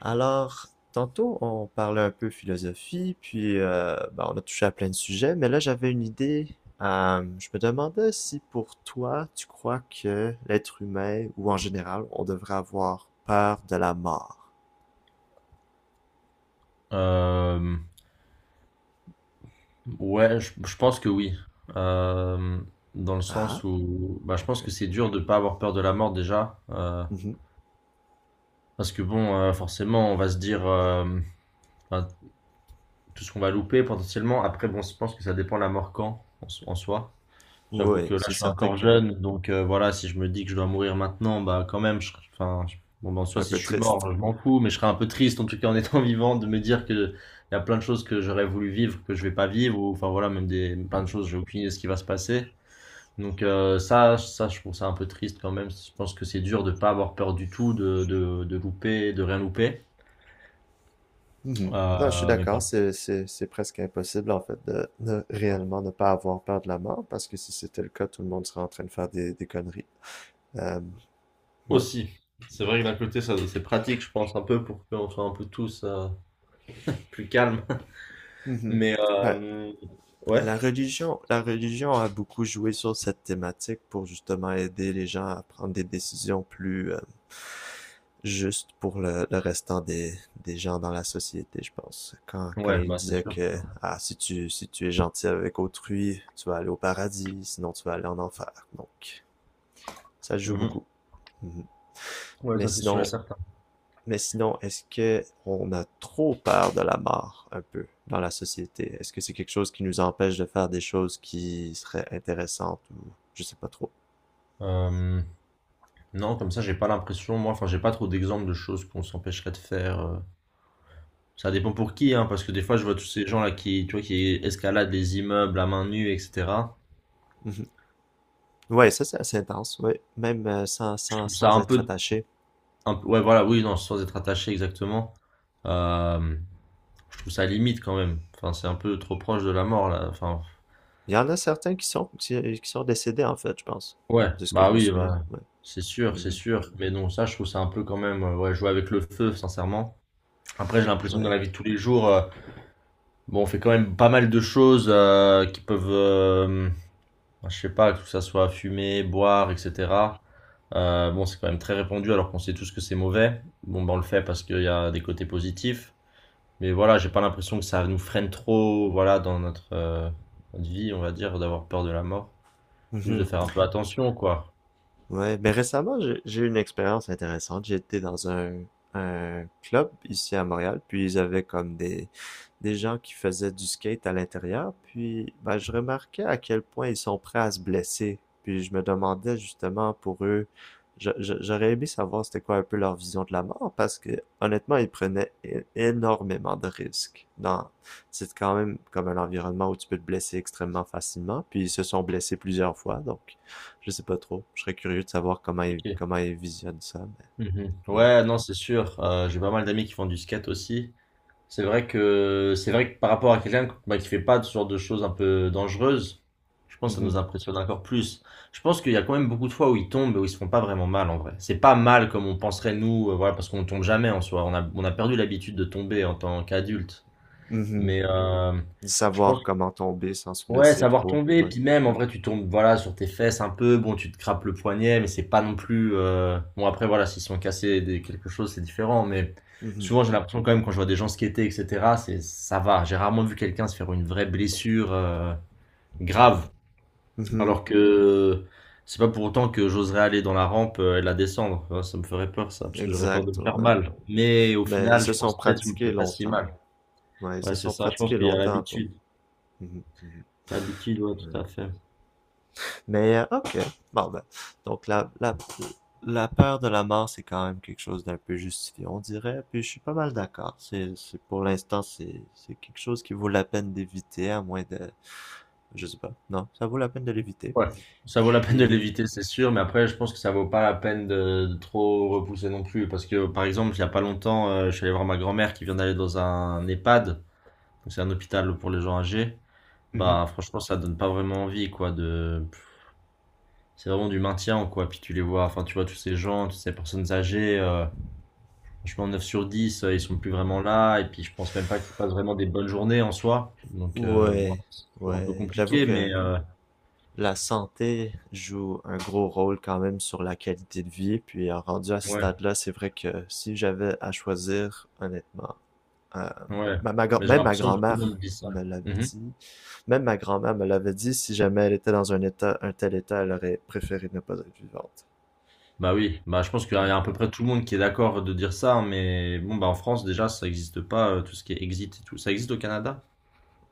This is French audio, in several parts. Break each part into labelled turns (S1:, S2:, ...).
S1: Alors, tantôt, on parlait un peu philosophie, puis ben, on a touché à plein de sujets, mais là, j'avais une idée. Je me demandais si pour toi, tu crois que l'être humain, ou en général, on devrait avoir peur de la mort.
S2: Euh, ouais, je pense que oui. Euh, Dans le
S1: Ah,
S2: sens où bah, je pense
S1: ok.
S2: que c'est dur de ne pas avoir peur de la mort déjà.
S1: Mhm.
S2: Parce que bon, forcément, on va se dire ben, tout ce qu'on va louper potentiellement. Après, bon, je pense que ça dépend de la mort en soi. J'avoue
S1: Oui,
S2: que là,
S1: c'est
S2: je suis
S1: certain
S2: encore
S1: que
S2: jeune, donc voilà, si je me dis que je dois mourir maintenant, bah quand même, je, enfin, bon, ben, soit
S1: un
S2: si
S1: peu
S2: je suis
S1: triste.
S2: mort, je m'en fous, mais je serais un peu triste en tout cas en étant vivant de me dire que il y a plein de choses que j'aurais voulu vivre que je vais pas vivre, ou enfin voilà, même des plein de choses, j'ai aucune idée de ce qui va se passer. Donc ça, ça, je trouve ça un peu triste quand même. Je pense que c'est dur de pas avoir peur du tout, de, de louper, de rien louper.
S1: Mhm. Non, je suis
S2: Mais
S1: d'accord,
S2: pas.
S1: c'est presque impossible en fait de réellement ne pas avoir peur de la mort, parce que si c'était le cas, tout le monde serait en train de faire des conneries. Euh, ouais.
S2: Aussi, c'est vrai que d'un côté, ça, c'est pratique, je pense un peu pour qu'on soit un peu tous plus calmes.
S1: Mhm.
S2: Mais
S1: Ben,
S2: ouais,
S1: la religion a beaucoup joué sur cette thématique pour justement aider les gens à prendre des décisions plus, justes pour le restant des gens dans la société, je pense. Quand, quand
S2: ouais,
S1: il disait que ah, si tu, si tu es gentil avec autrui, tu vas aller au paradis, sinon tu vas aller en enfer. Donc, ça joue
S2: Mhm.
S1: beaucoup. Mhm.
S2: Ouais,
S1: Mais
S2: ça c'est sûr et
S1: sinon,
S2: certain.
S1: mais sinon, est-ce que on a trop peur de la mort un peu dans la société? Est-ce que c'est quelque chose qui nous empêche de faire des choses qui seraient intéressantes ou je sais pas trop.
S2: Euh, non, comme ça, j'ai pas l'impression, moi, enfin, j'ai pas trop d'exemples de choses qu'on s'empêcherait de faire. Ça dépend pour qui, hein, parce que des fois, je vois tous ces gens-là qui, tu vois, qui escaladent les immeubles à main nue, etc.
S1: Mhm. Ouais, ça c'est assez intense, ouais. Même sans,
S2: Je
S1: sans,
S2: trouve ça
S1: sans
S2: un
S1: être
S2: peu,
S1: attaché.
S2: un peu- ouais, voilà, oui, non, sans être attaché exactement. Euh, je trouve ça limite quand même. Enfin, c'est un peu trop proche de la mort, là. Enfin.
S1: Il y en a certains qui sont décédés en fait, je pense.
S2: Ouais,
S1: De ce que je
S2: bah
S1: me
S2: oui,
S1: souviens.
S2: bah,
S1: Ouais.
S2: c'est sûr, c'est
S1: Mhm.
S2: sûr. Mais non, ça, je trouve ça un peu quand même, ouais, jouer avec le feu, sincèrement. Après, j'ai l'impression que dans
S1: Ouais.
S2: la vie de tous les jours, bon, on fait quand même pas mal de choses qui peuvent, je sais pas, que ça soit fumer, boire, etc. Bon, c'est quand même très répandu alors qu'on sait tous que c'est mauvais. Bon, ben on le fait parce qu'il y a des côtés positifs. Mais voilà, j'ai pas l'impression que ça nous freine trop, voilà, dans notre vie, on va dire, d'avoir peur de la mort. Plus de
S1: Mhm.
S2: faire un peu attention, quoi.
S1: Ouais, mais récemment, j'ai eu une expérience intéressante. J'étais dans un club ici à Montréal, puis ils avaient comme des gens qui faisaient du skate à l'intérieur, puis ben, je remarquais à quel point ils sont prêts à se blesser. Puis je me demandais justement pour eux, j'aurais aimé savoir c'était quoi un peu leur vision de la mort, parce que honnêtement, ils prenaient énormément de risques. Dans, c'est quand même comme un environnement où tu peux te blesser extrêmement facilement, puis ils se sont blessés plusieurs fois, donc je sais pas trop. Je serais curieux de savoir comment ils
S2: Ok.
S1: comment ils visionnent ça.
S2: Mhm.
S1: Mais, ouais.
S2: Ouais, non, c'est sûr. J'ai pas mal d'amis qui font du skate aussi. C'est vrai que par rapport à quelqu'un bah, qui fait pas ce genre de choses un peu dangereuses, je pense que ça
S1: Mhm.
S2: nous impressionne encore plus. Je pense qu'il y a quand même beaucoup de fois où ils tombent et où ils se font pas vraiment mal en vrai. C'est pas mal comme on penserait nous, voilà, parce qu'on tombe jamais en soi. On a perdu l'habitude de tomber en tant qu'adulte.
S1: Mhm.
S2: Mais
S1: De
S2: je
S1: savoir
S2: pense
S1: comment tomber sans se
S2: ouais,
S1: blesser
S2: savoir
S1: trop.
S2: tomber,
S1: Ouais.
S2: puis même en vrai tu tombes voilà sur tes fesses un peu, bon tu te crapes le poignet, mais c'est pas non plus bon après voilà s'ils sont cassés quelque chose c'est différent, mais
S1: Mhm.
S2: souvent j'ai l'impression quand même quand je vois des gens skater etc c'est ça va, j'ai rarement vu quelqu'un se faire une vraie blessure grave,
S1: Mhm.
S2: alors que c'est pas pour autant que j'oserais aller dans la rampe et la descendre. Ouais, ça me ferait peur ça parce que j'aurais peur de
S1: Exact.
S2: me faire
S1: Ouais.
S2: mal, mais au
S1: Mais ils
S2: final
S1: se
S2: je
S1: sont
S2: pense peut-être que je me ferais
S1: pratiqués
S2: pas si
S1: longtemps.
S2: mal,
S1: Ouais, ils
S2: ouais
S1: se
S2: c'est
S1: sont
S2: ça, je pense
S1: pratiqués
S2: qu'il y a
S1: longtemps pour.
S2: l'habitude,
S1: Mhm. Mhm.
S2: l'habitude ouais
S1: Ouais.
S2: tout à fait.
S1: Mais ok. Bon ben, donc la peur de la mort, c'est quand même quelque chose d'un peu justifié, on dirait. Puis je suis pas mal d'accord. C'est- pour l'instant, c'est quelque chose qui vaut la peine d'éviter, à moins de je sais pas. Non, ça vaut la peine de l'éviter.
S2: Ouais, ça vaut la peine de
S1: Et
S2: l'éviter, c'est sûr, mais après, je pense que ça vaut pas la peine de trop repousser non plus. Parce que, par exemple, il y a pas longtemps, je suis allé voir ma grand-mère qui vient d'aller dans un EHPAD, donc c'est un hôpital pour les gens âgés.
S1: mhm.
S2: Bah, franchement, ça donne pas vraiment envie, quoi. C'est vraiment du maintien, quoi. Puis tu les vois, enfin, tu vois tous ces gens, toutes ces personnes âgées, franchement, 9 sur 10, ils sont plus vraiment là, et puis je pense même pas qu'ils passent vraiment des bonnes journées en soi. Donc, bon,
S1: Ouais,
S2: c'est toujours un peu
S1: ouais, j'avoue
S2: compliqué,
S1: que
S2: mais... euh,
S1: la santé joue un gros rôle quand même sur la qualité de vie. Puis en rendu à ce
S2: Ouais.
S1: stade-là, c'est vrai que si j'avais à choisir, honnêtement, euh,
S2: Ouais, mais j'ai
S1: même ma
S2: l'impression que tout le
S1: grand-mère
S2: monde dit ça.
S1: me l'avait
S2: Mhm.
S1: dit. Même ma grand-mère me l'avait dit. Si jamais elle était dans un état, un tel état, elle aurait préféré ne pas être vivante.
S2: Bah oui, bah je pense qu'il y
S1: Ouais.
S2: a à peu près tout le monde qui est d'accord de dire ça, hein, mais bon, bah en France déjà ça n'existe pas, tout ce qui est exit et tout. Ça existe au Canada?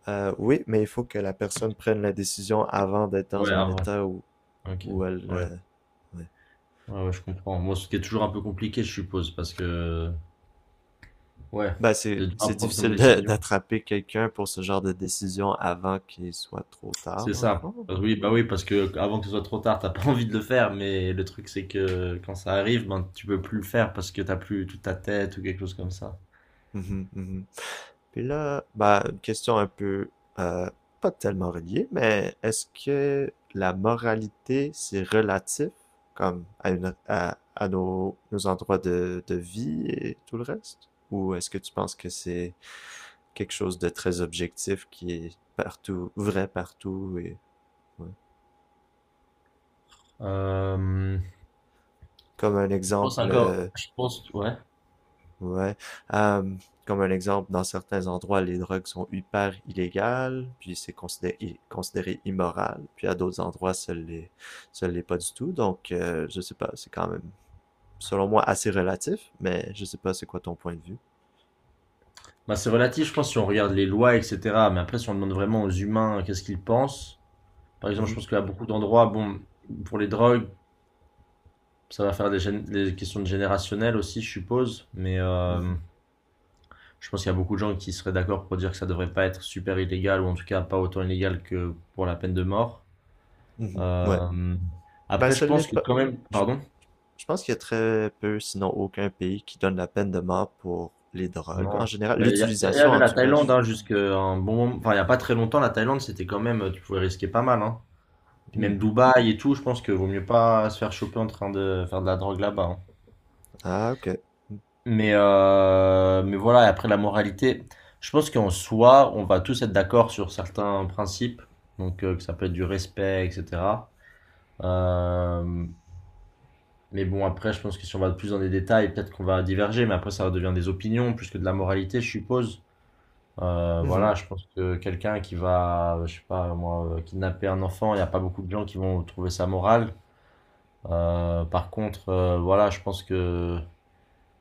S1: Oui, mais il faut que la personne prenne la décision avant d'être
S2: Ouais,
S1: dans un
S2: avant.
S1: état où,
S2: Ok,
S1: où elle,
S2: ouais.
S1: ouais,
S2: Ouais, ouais, je comprends. Moi, ce qui est toujours un peu compliqué, je suppose, parce que, ouais,
S1: ben, c'est,
S2: de à
S1: c'est
S2: prendre comme
S1: difficile de-
S2: décision.
S1: d'attraper quelqu'un pour ce genre de décision avant qu'il soit trop tard,
S2: C'est
S1: dans le
S2: ça.
S1: fond.
S2: Oui, bah oui, parce que avant que ce soit trop tard, t'as pas envie de le faire, mais le truc c'est que quand ça arrive, ben tu peux plus le faire parce que t'as plus toute ta tête ou quelque chose comme ça.
S1: Mhm, mhm. Puis là, ben, une question un peu, euh, pas tellement reliée, mais est-ce que la moralité, c'est relatif, comme à une, à nos, nos endroits de vie et tout le reste? Ou est-ce que tu penses que c'est quelque chose de très objectif qui est partout, vrai partout et, ouais.
S2: Euh,
S1: Comme un
S2: Je pense
S1: exemple,
S2: encore,
S1: euh.
S2: je pense, ouais.
S1: Ouais. Euh, Comme un exemple, dans certains endroits, les drogues sont hyper illégales, puis c'est considéré immoral, puis à d'autres endroits, ça l'est pas du tout. Donc, je sais pas, c'est quand même, selon moi, assez relatif, mais je sais pas c'est quoi ton point de vue.
S2: Bah, c'est relatif, je pense, si on regarde les lois, etc. Mais après, si on demande vraiment aux humains qu'est-ce qu'ils pensent, par exemple, je pense qu'à beaucoup d'endroits, bon, pour les drogues, ça va faire des questions de générationnel aussi, je suppose. Mais
S1: Mhm.
S2: je pense qu'il y a beaucoup de gens qui seraient d'accord pour dire que ça devrait pas être super illégal, ou en tout cas pas autant illégal que pour la peine de mort.
S1: Mhm. Ouais.
S2: Euh,
S1: Ben,
S2: Après, je
S1: ça l'est
S2: pense que
S1: pas.
S2: quand même,
S1: Je,
S2: pardon.
S1: je pense qu'il y a très peu, sinon aucun pays qui donne la peine de mort pour les drogues. En
S2: Non.
S1: général,
S2: Mais il y
S1: l'utilisation,
S2: avait
S1: en
S2: la
S1: tout cas,
S2: Thaïlande
S1: je-
S2: hein, jusqu'à un bon moment. Enfin, il n'y a pas très longtemps, la Thaïlande, c'était quand même. Tu pouvais risquer pas mal. Hein. Puis
S1: hmm.
S2: même Dubaï et tout, je pense que vaut mieux pas se faire choper en train de faire de la drogue là-bas. Hein.
S1: Ah, ok.
S2: Mais voilà, et après la moralité, je pense qu'en soi, on va tous être d'accord sur certains principes. Donc, que ça peut être du respect, etc. Euh, mais bon, après, je pense que si on va plus dans les détails, peut-être qu'on va diverger. Mais après, ça redevient des opinions plus que de la moralité, je suppose.
S1: Mhm.
S2: Voilà, je pense que quelqu'un qui va, je sais pas moi, kidnapper un enfant, il n'y a pas beaucoup de gens qui vont trouver ça moral. Par contre, voilà, je pense que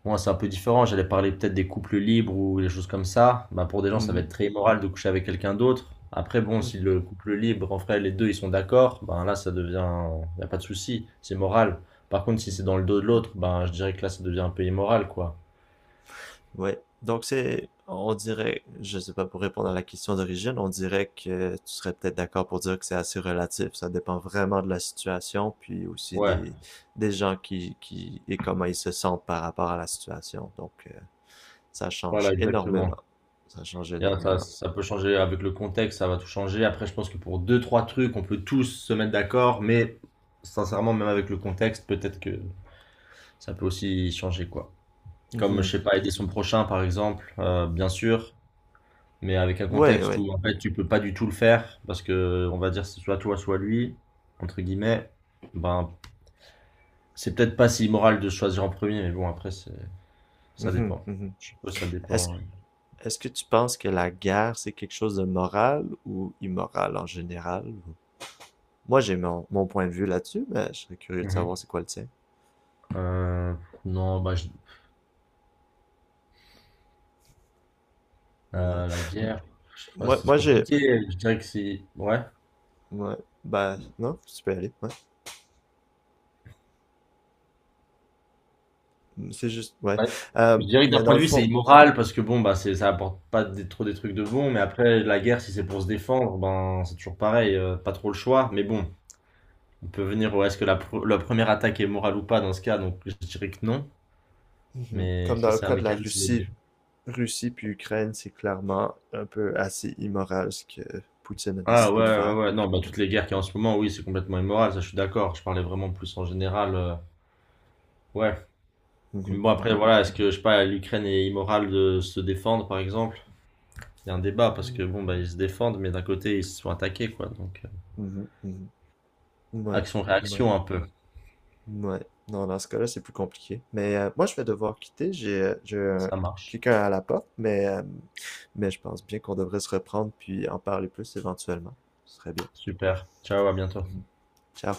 S2: moi c'est un peu différent. J'allais parler peut-être des couples libres ou des choses comme ça. Bah, pour des gens, ça va être
S1: Mhm.
S2: très immoral de coucher avec quelqu'un d'autre. Après, bon, si
S1: Mhm.
S2: le couple libre, en vrai, les deux ils sont d'accord, ben là ça devient, il n'y a pas de souci, c'est moral. Par contre, si c'est
S1: Mhm.
S2: dans le dos de l'autre, ben je dirais que là ça devient un peu immoral, quoi.
S1: Ouais. Donc c'est, on dirait, je sais pas, pour répondre à la question d'origine, on dirait que tu serais peut-être d'accord pour dire que c'est assez relatif. Ça dépend vraiment de la situation, puis aussi
S2: Ouais,
S1: des gens qui, et comment ils se sentent par rapport à la situation. Donc ça
S2: voilà,
S1: change
S2: exactement.
S1: énormément. Ça change
S2: Bien, Ça,
S1: énormément.
S2: ça peut changer avec le contexte, ça va tout changer. Après, je pense que pour deux, trois trucs, on peut tous se mettre d'accord, mais sincèrement, même avec le contexte, peut-être que ça peut aussi changer, quoi. Comme, je
S1: Mhm.
S2: sais pas, aider son prochain, par exemple, bien sûr, mais avec un
S1: Ouais,
S2: contexte
S1: ouais.
S2: où, en fait, tu peux pas du tout le faire, parce que, on va dire, c'est soit toi, soit lui, entre guillemets, ben, c'est peut-être pas si immoral de choisir en premier, mais bon, après, ça
S1: Mhm,
S2: dépend.
S1: mhm.
S2: Je suppose que ça
S1: Est-ce,
S2: dépend. Ouais.
S1: est-ce que tu penses que la guerre, c'est quelque chose de moral ou immoral en général? Moi, j'ai mon, mon point de vue là-dessus, mais je serais curieux de savoir
S2: Mhm.
S1: c'est quoi le tien.
S2: Euh, non, bah,
S1: Ouais.
S2: La guerre, je sais pas,
S1: Moi,
S2: c'est
S1: moi j'ai.
S2: compliqué. Je dirais que c'est. Ouais.
S1: Ouais. Ben non, tu peux y aller. Ouais. C'est juste. Ouais.
S2: Ouais.
S1: Euh,
S2: Je dirais que d'un
S1: mais
S2: point
S1: dans
S2: de
S1: le
S2: vue, c'est
S1: fond,
S2: immoral parce que bon, bah, ça apporte pas trop des trucs de bon. Mais après, la guerre, si c'est pour se défendre, ben, c'est toujours pareil. Pas trop le choix. Mais bon, on peut venir au est-ce que la première attaque est morale ou pas dans ce cas. Donc, je dirais que non.
S1: mhm,
S2: Mais
S1: comme
S2: si
S1: dans le
S2: c'est un
S1: cas de la
S2: mécanisme
S1: Russie,
S2: de.
S1: Russie puis Ukraine, c'est clairement un peu assez immoral ce que Poutine a
S2: Ah
S1: décidé de
S2: ouais, ouais,
S1: faire.
S2: ouais. Non, bah, toutes les guerres qu'il y a en ce moment, oui, c'est complètement immoral. Ça, je suis d'accord. Je parlais vraiment plus en général. Ouais. Mais
S1: Mhm,
S2: bon, après,
S1: mhm.
S2: voilà, est-ce que, je sais pas, l'Ukraine est immorale de se défendre, par exemple? Il y a un débat parce
S1: Mm.
S2: que bon, bah, ils se défendent, mais d'un côté, ils se sont attaqués, quoi. Donc,
S1: Mhm, mhm. Ouais. Ouais.
S2: action-réaction un peu.
S1: Ouais. Non, dans ce cas-là, c'est plus compliqué. Mais moi, je vais devoir quitter. J'ai un-
S2: Ça marche.
S1: quelqu'un à la porte, mais je pense bien qu'on devrait se reprendre puis en parler plus éventuellement. Ce serait bien.
S2: Super. Ciao, à bientôt.
S1: Mhm. Ciao.